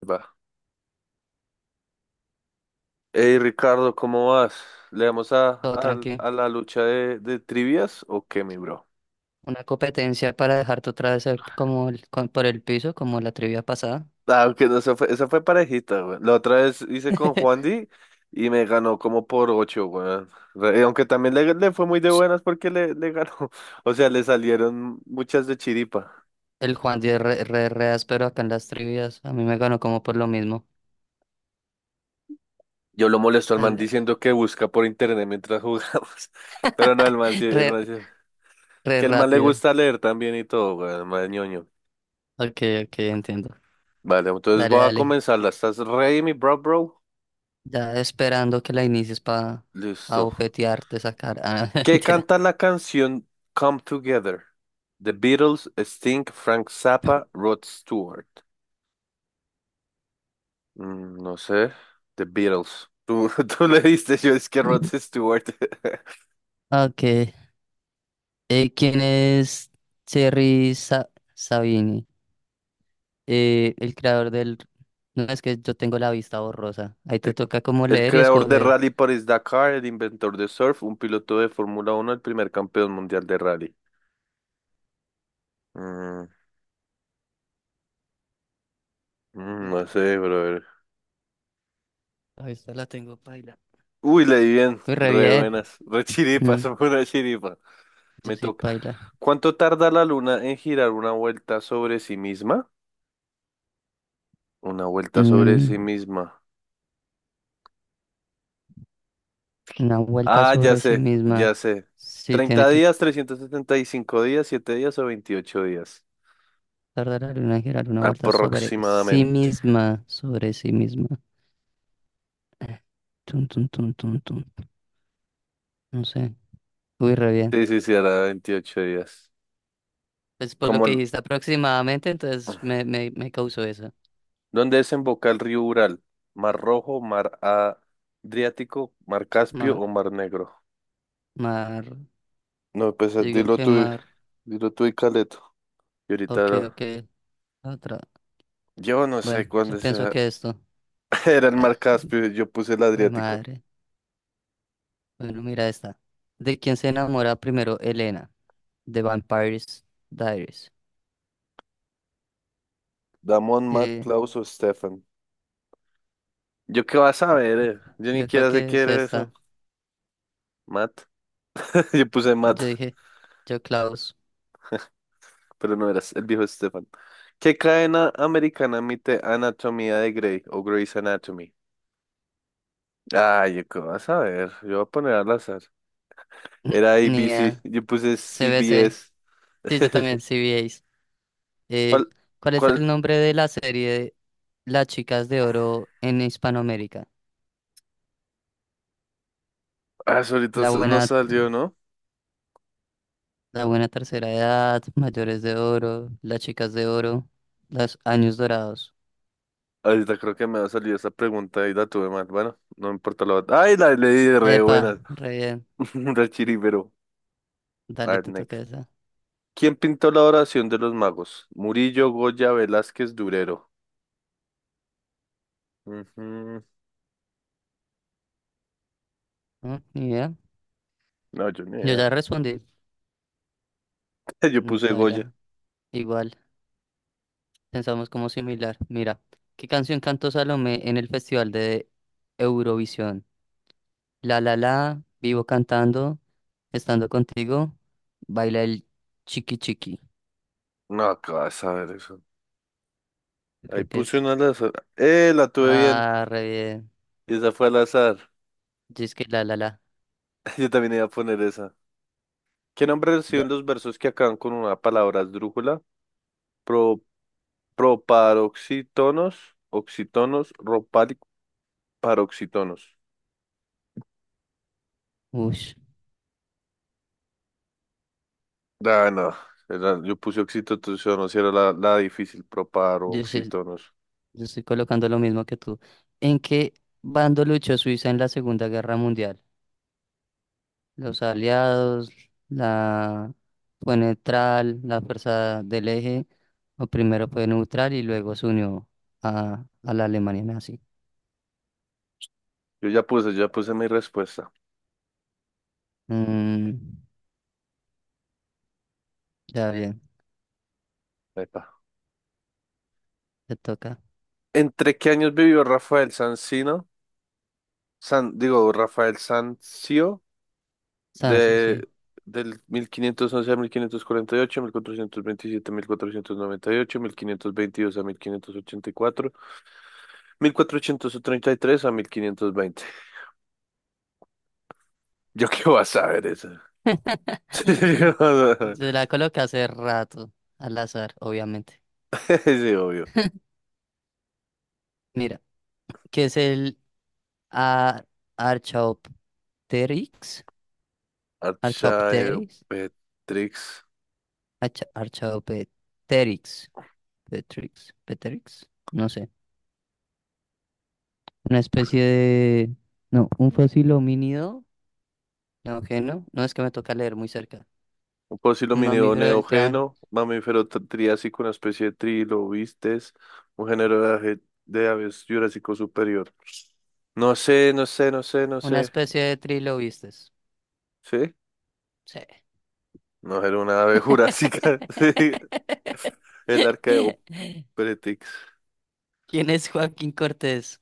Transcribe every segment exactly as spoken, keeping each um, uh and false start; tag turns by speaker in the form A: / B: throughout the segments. A: Va. Hey Ricardo, ¿cómo vas? ¿Le damos a,
B: Todo
A: a,
B: tranquilo.
A: a la lucha de, de trivias o qué, mi bro?
B: Una competencia para dejarte otra vez eh, como el- con- por el piso, como la trivia pasada.
A: Ah, aunque no, esa fue, esa fue parejita, güey. La otra vez hice con Juan Di y me ganó como por ocho, güey. Re- Aunque también le, le fue muy de
B: S-
A: buenas porque le, le ganó. O sea, le salieron muchas de chiripa.
B: El Juan de re, re, re áspero acá en las trivias. A mí me ganó como por lo mismo.
A: Yo lo molesto al man diciendo que busca por internet mientras jugamos. Pero no, el man sí, el
B: Re,
A: man sí-
B: re
A: Que el man le
B: rápido.
A: gusta leer también y todo, güey. El man es ñoño.
B: Ok, ok, entiendo.
A: Vale, entonces
B: Dale,
A: voy a
B: dale.
A: comenzarla. ¿Estás ready, mi bro, bro?
B: Ya esperando que la inicies para
A: Listo.
B: abofetearte, sacar. Ah,
A: ¿Qué
B: mentira.
A: canta la canción Come Together? The Beatles, Sting, Frank Zappa, Rod Stewart. Mm, no sé. The Beatles. Tú, tú le diste, yo es que Rod Stewart.
B: Ok. Eh, ¿quién es Terry Sa- Sabini? eh, el creador del... No, es que yo tengo la vista borrosa. Ahí te
A: El,
B: toca como
A: el
B: leer y
A: creador de
B: escoger.
A: Rally Paris-Dakar, el inventor de surf, un piloto de Fórmula Uno el primer campeón mundial de rally. Mm, mm,
B: Me
A: no
B: toca-
A: sé, brother.
B: La vista la tengo paila.
A: Uy, le di bien.
B: Muy re
A: Re
B: bien.
A: buenas. Re
B: Mm,
A: chiripas, una chiripa.
B: yo
A: Me
B: sí
A: toca.
B: paila.
A: ¿Cuánto tarda la luna en girar una vuelta sobre sí misma? Una vuelta sobre
B: Mm,
A: sí misma.
B: una vuelta
A: Ah, ya
B: sobre sí
A: sé,
B: misma.
A: ya sé.
B: Sí, tiene
A: Treinta
B: que
A: días, trescientos setenta y cinco días, siete días o veintiocho días.
B: tardar la luna en girar una vuelta sobre sí
A: Aproximadamente.
B: misma. Sobre sí misma. Tun, tun, tun, tun, tun. No sé. Uy, re bien.
A: Sí, sí, sí, era veintiocho días.
B: Pues por lo
A: Como,
B: que
A: el-
B: dijiste aproximadamente, entonces me, me, me causó eso.
A: ¿dónde desemboca el río Ural? ¿Mar Rojo, Mar Adriático, Mar Caspio
B: Mar,
A: o Mar Negro?
B: mar.
A: No, pues eh,
B: Digo
A: dilo
B: que
A: tú, y-
B: mar.
A: dilo tú y Caleto. Y ahorita
B: Ok,
A: lo-
B: ok. Otra.
A: yo no
B: Bueno,
A: sé cuándo
B: yo
A: es.
B: pienso que esto.
A: Era el
B: Ah,
A: Mar Caspio, yo puse el
B: jue
A: Adriático.
B: madre. Bueno, mira esta. ¿De quién se enamora primero Elena? De Vampires Diaries.
A: Damon, Matt,
B: Eh,
A: Klaus o Stefan. ¿Yo qué vas a saber? eh? Yo ni
B: yo creo
A: quiera sé
B: que
A: qué
B: es
A: era eso.
B: esta.
A: Matt. Yo puse
B: Yo
A: Matt,
B: dije, yo Klaus.
A: pero no eras el viejo Stefan. ¿Qué cadena americana emite Anatomía de Grey o Grey's Anatomy? Ay, ¿yo qué vas a ver? Yo voy a poner al azar. Era
B: Ni
A: A B C,
B: idea.
A: yo puse
B: C B C.
A: C B S.
B: Sí, yo también, C B As. Eh,
A: ¿Cuál?
B: ¿cuál es
A: ¿Cuál?
B: el nombre de la serie Las Chicas de Oro en Hispanoamérica?
A: Ah, eso ahorita
B: La
A: s- no
B: buena,
A: salió, ¿no?
B: la buena tercera edad, mayores de oro, las chicas de oro, los años dorados.
A: Ahorita creo que me ha salido esa pregunta y la tuve mal. Bueno, no me importa la otra. Ay, la leí de re
B: Epa,
A: buenas.
B: re bien.
A: Re chiribero. A
B: Dale,
A: ver,
B: te
A: next.
B: toca esa.
A: ¿Quién pintó la oración de los magos? Murillo, Goya, Velázquez, Durero. Ujú.
B: ¿No? Ni idea.
A: No, yo ni
B: Yo
A: idea.
B: ya respondí.
A: Yo
B: Mm,
A: puse Goya.
B: paila, igual. Pensamos como similar. Mira, ¿qué canción cantó Salomé en el Festival de Eurovisión? La la la, vivo cantando, estando contigo, baila el chiqui chiqui.
A: No, ¿qué vas a ver eso?
B: Yo
A: Ahí
B: creo que
A: puse
B: es.
A: una al azar. Eh, la tuve bien.
B: Ah, re bien.
A: Y esa fue al azar.
B: Yo es que la la la.
A: Yo también iba a poner esa. ¿Qué nombre
B: Da-
A: reciben los versos que acaban con una palabra esdrújula? Pro, Proparoxítonos, oxítonos, paroxítonos.
B: Ush.
A: Ah, no. Era- yo puse oxítonos, era la, la difícil, pero
B: Yo sé-
A: paroxítonos.
B: yo estoy colocando lo mismo que tú. ¿En qué bando luchó Suiza en la Segunda Guerra Mundial? Los aliados, la fue neutral, la fuerza del eje, o primero fue neutral y luego se unió a, a la Alemania nazi.
A: Yo ya puse, ya puse mi respuesta.
B: Mm, ya bien,
A: Epa.
B: te toca.
A: ¿Entre qué años vivió Rafael Sanzino? San, digo, Rafael Sanzio,
B: Sancio, sí.
A: de, del mil quinientos once a mil quinientos cuarenta y ocho, mil cuatrocientos veintisiete a mil cuatrocientos noventa y ocho, mil quinientos veintidós a mil quinientos ochenta y cuatro, mil cuatrocientos treinta y tres a mil quinientos veinte. Yo qué voy a saber eso.
B: Se la coloca hace rato, al azar, obviamente.
A: Sí, obvio.
B: Mira, ¿qué es el a- Archaeopteryx? ¿Archaeopteryx?
A: Archaeopteryx,
B: Archa- Archaeopteryx. Petrix. Petrix. No sé. Una especie de... No, un fósil homínido. No, que no. No es que me toca leer muy cerca.
A: un
B: Un
A: posidominio
B: mamífero del triángulo.
A: neógeno, mamífero tr- triásico, una especie de trilobites, un género de, aje- de aves jurásico superior. No sé, no sé, no sé, no
B: Una
A: sé.
B: especie de trilobites.
A: ¿Sí?
B: Sí.
A: No era una ave jurásica. Sí, el Archaeopteryx.
B: ¿Quién es Joaquín Cortés?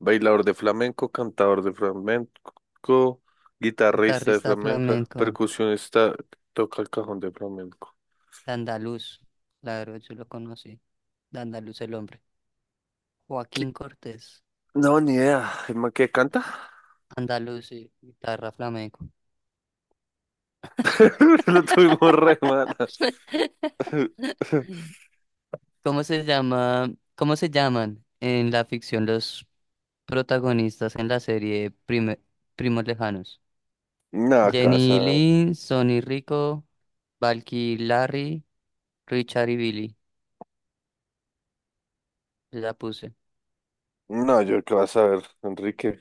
A: Bailador de flamenco, cantador de flamenco, guitarrista de
B: Guitarrista
A: flamenca,
B: flamenco.
A: percusionista, toca el cajón de flamenco.
B: De Andaluz. Claro, yo lo conocí. De Andaluz el hombre.
A: ¿Qué?
B: Joaquín Cortés.
A: No, ni idea. ¿El man que canta?
B: Andaluz y guitarra flamenco.
A: Lo tuvimos re mal.
B: ¿Cómo se llama, ¿cómo se llaman en la ficción los protagonistas en la serie Prime- Primos Lejanos?
A: No,
B: Jenny y
A: casa.
B: Lynn, Sonny y Rico, Valky y Larry, Richard y Billy. La puse.
A: No, yo qué vas a ver, Enrique.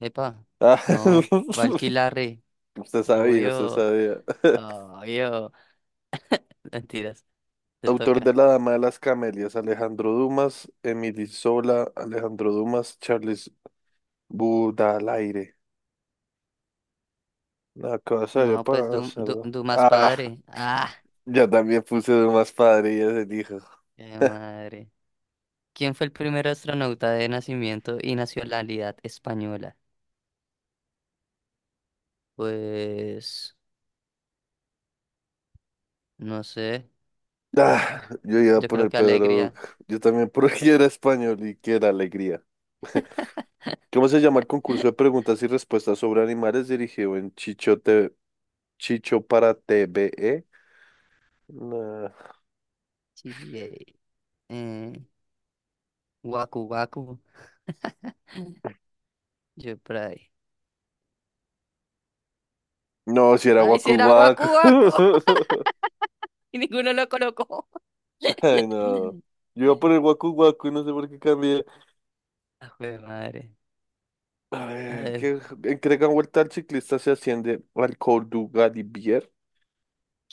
B: Epa,
A: Ah,
B: no, Valky y Larry,
A: usted sabía, usted
B: obvio,
A: sabía.
B: obvio. Mentiras, te
A: Autor de
B: toca.
A: La Dama de las Camelias, Alejandro Dumas, Emily Sola, Alejandro Dumas, Charles Baudelaire. No, qué vas a ver,
B: No, pues
A: para
B: Du- Du-
A: hacerlo.
B: Dumas
A: Ah,
B: padre. Ah,
A: yo también puse Dumas padre y ese dijo.
B: qué madre. ¿Quién fue el primer astronauta de nacimiento y nacionalidad española? Pues no sé,
A: Ah,
B: baila.
A: yo iba a
B: Yo creo
A: poner
B: que
A: Pedro
B: alegría.
A: Duque. Yo también porque era español y que era alegría. ¿Cómo se llama el concurso de preguntas y respuestas sobre animales dirigido en Chicho, Te- Chicho para T V E? No,
B: G B A. Eh, Waku Waku. Yo por ahí.
A: no, si era
B: ¡Ay,
A: Waku
B: será Waku
A: Waku.
B: Waku! Y ninguno lo colocó.
A: Ay, no. Yo iba por el Waku Waku y no sé por qué cambié.
B: Ah, jue madre.
A: A
B: A
A: ver,
B: ver,
A: ¿qué entregan vuelta al ciclista se asciende al Córdoba Bier?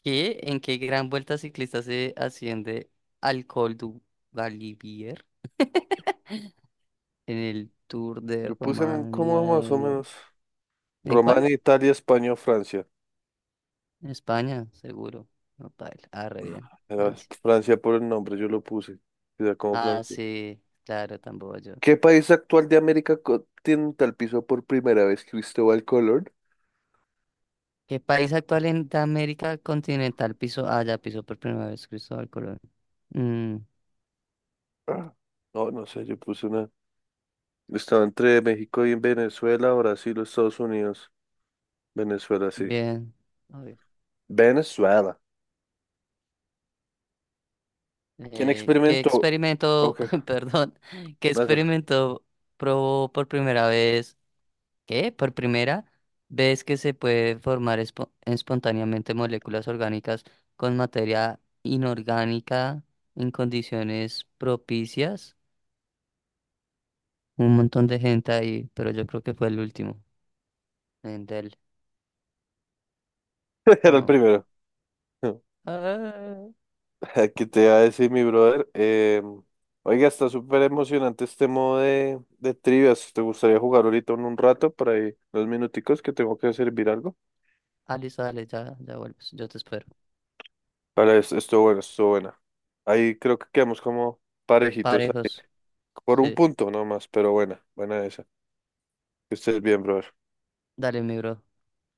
B: ¿qué, ¿en qué gran vuelta ciclista se asciende al Col du Galibier? En el Tour de
A: Yo puse un-
B: Romania.
A: como más o
B: ¿En, el-
A: menos
B: ¿en cuál?
A: Romania, Italia, España, Francia.
B: En España, seguro. No, paila. Ah, re bien.
A: Era
B: Francia.
A: Francia por el nombre, yo lo puse. Era como
B: Ah,
A: Francia.
B: sí, claro, tampoco yo.
A: ¿Qué país actual de América continental pisó por primera vez Cristóbal Colón?
B: ¿Qué país actual en de América continental pisó? Ah, ya pisó por primera vez Cristóbal Colón. Mm,
A: Ah. No, no sé, yo puse una. Estaba entre México y Venezuela, Brasil o Estados Unidos. Venezuela, sí.
B: bien. A ver.
A: Venezuela. ¿Quién
B: Eh, ¿qué
A: experimentó?
B: experimento,
A: Ok,
B: perdón, ¿qué
A: hágala.
B: experimento probó por primera vez? ¿Qué? ¿Por primera vez que se puede formar espo- espontáneamente moléculas orgánicas con materia inorgánica en condiciones propicias? Un montón de gente ahí, pero yo creo que fue el último. Endel,
A: Era el
B: no.
A: primero.
B: Ah,
A: ¿Qué te iba a decir, mi brother? Eh, oiga, está súper emocionante este modo de, de trivias. ¿Te gustaría jugar ahorita en un rato, por ahí, dos minuticos, que tengo que servir algo?
B: Ali, sale, ya, ya vuelves. Yo te espero.
A: Vale, es- estuvo bueno, estuvo buena. Ahí creo que quedamos como parejitos ahí,
B: Parejos,
A: por un
B: sí.
A: punto nomás, pero buena, buena esa. Que estés bien, brother.
B: Dale, mi bro.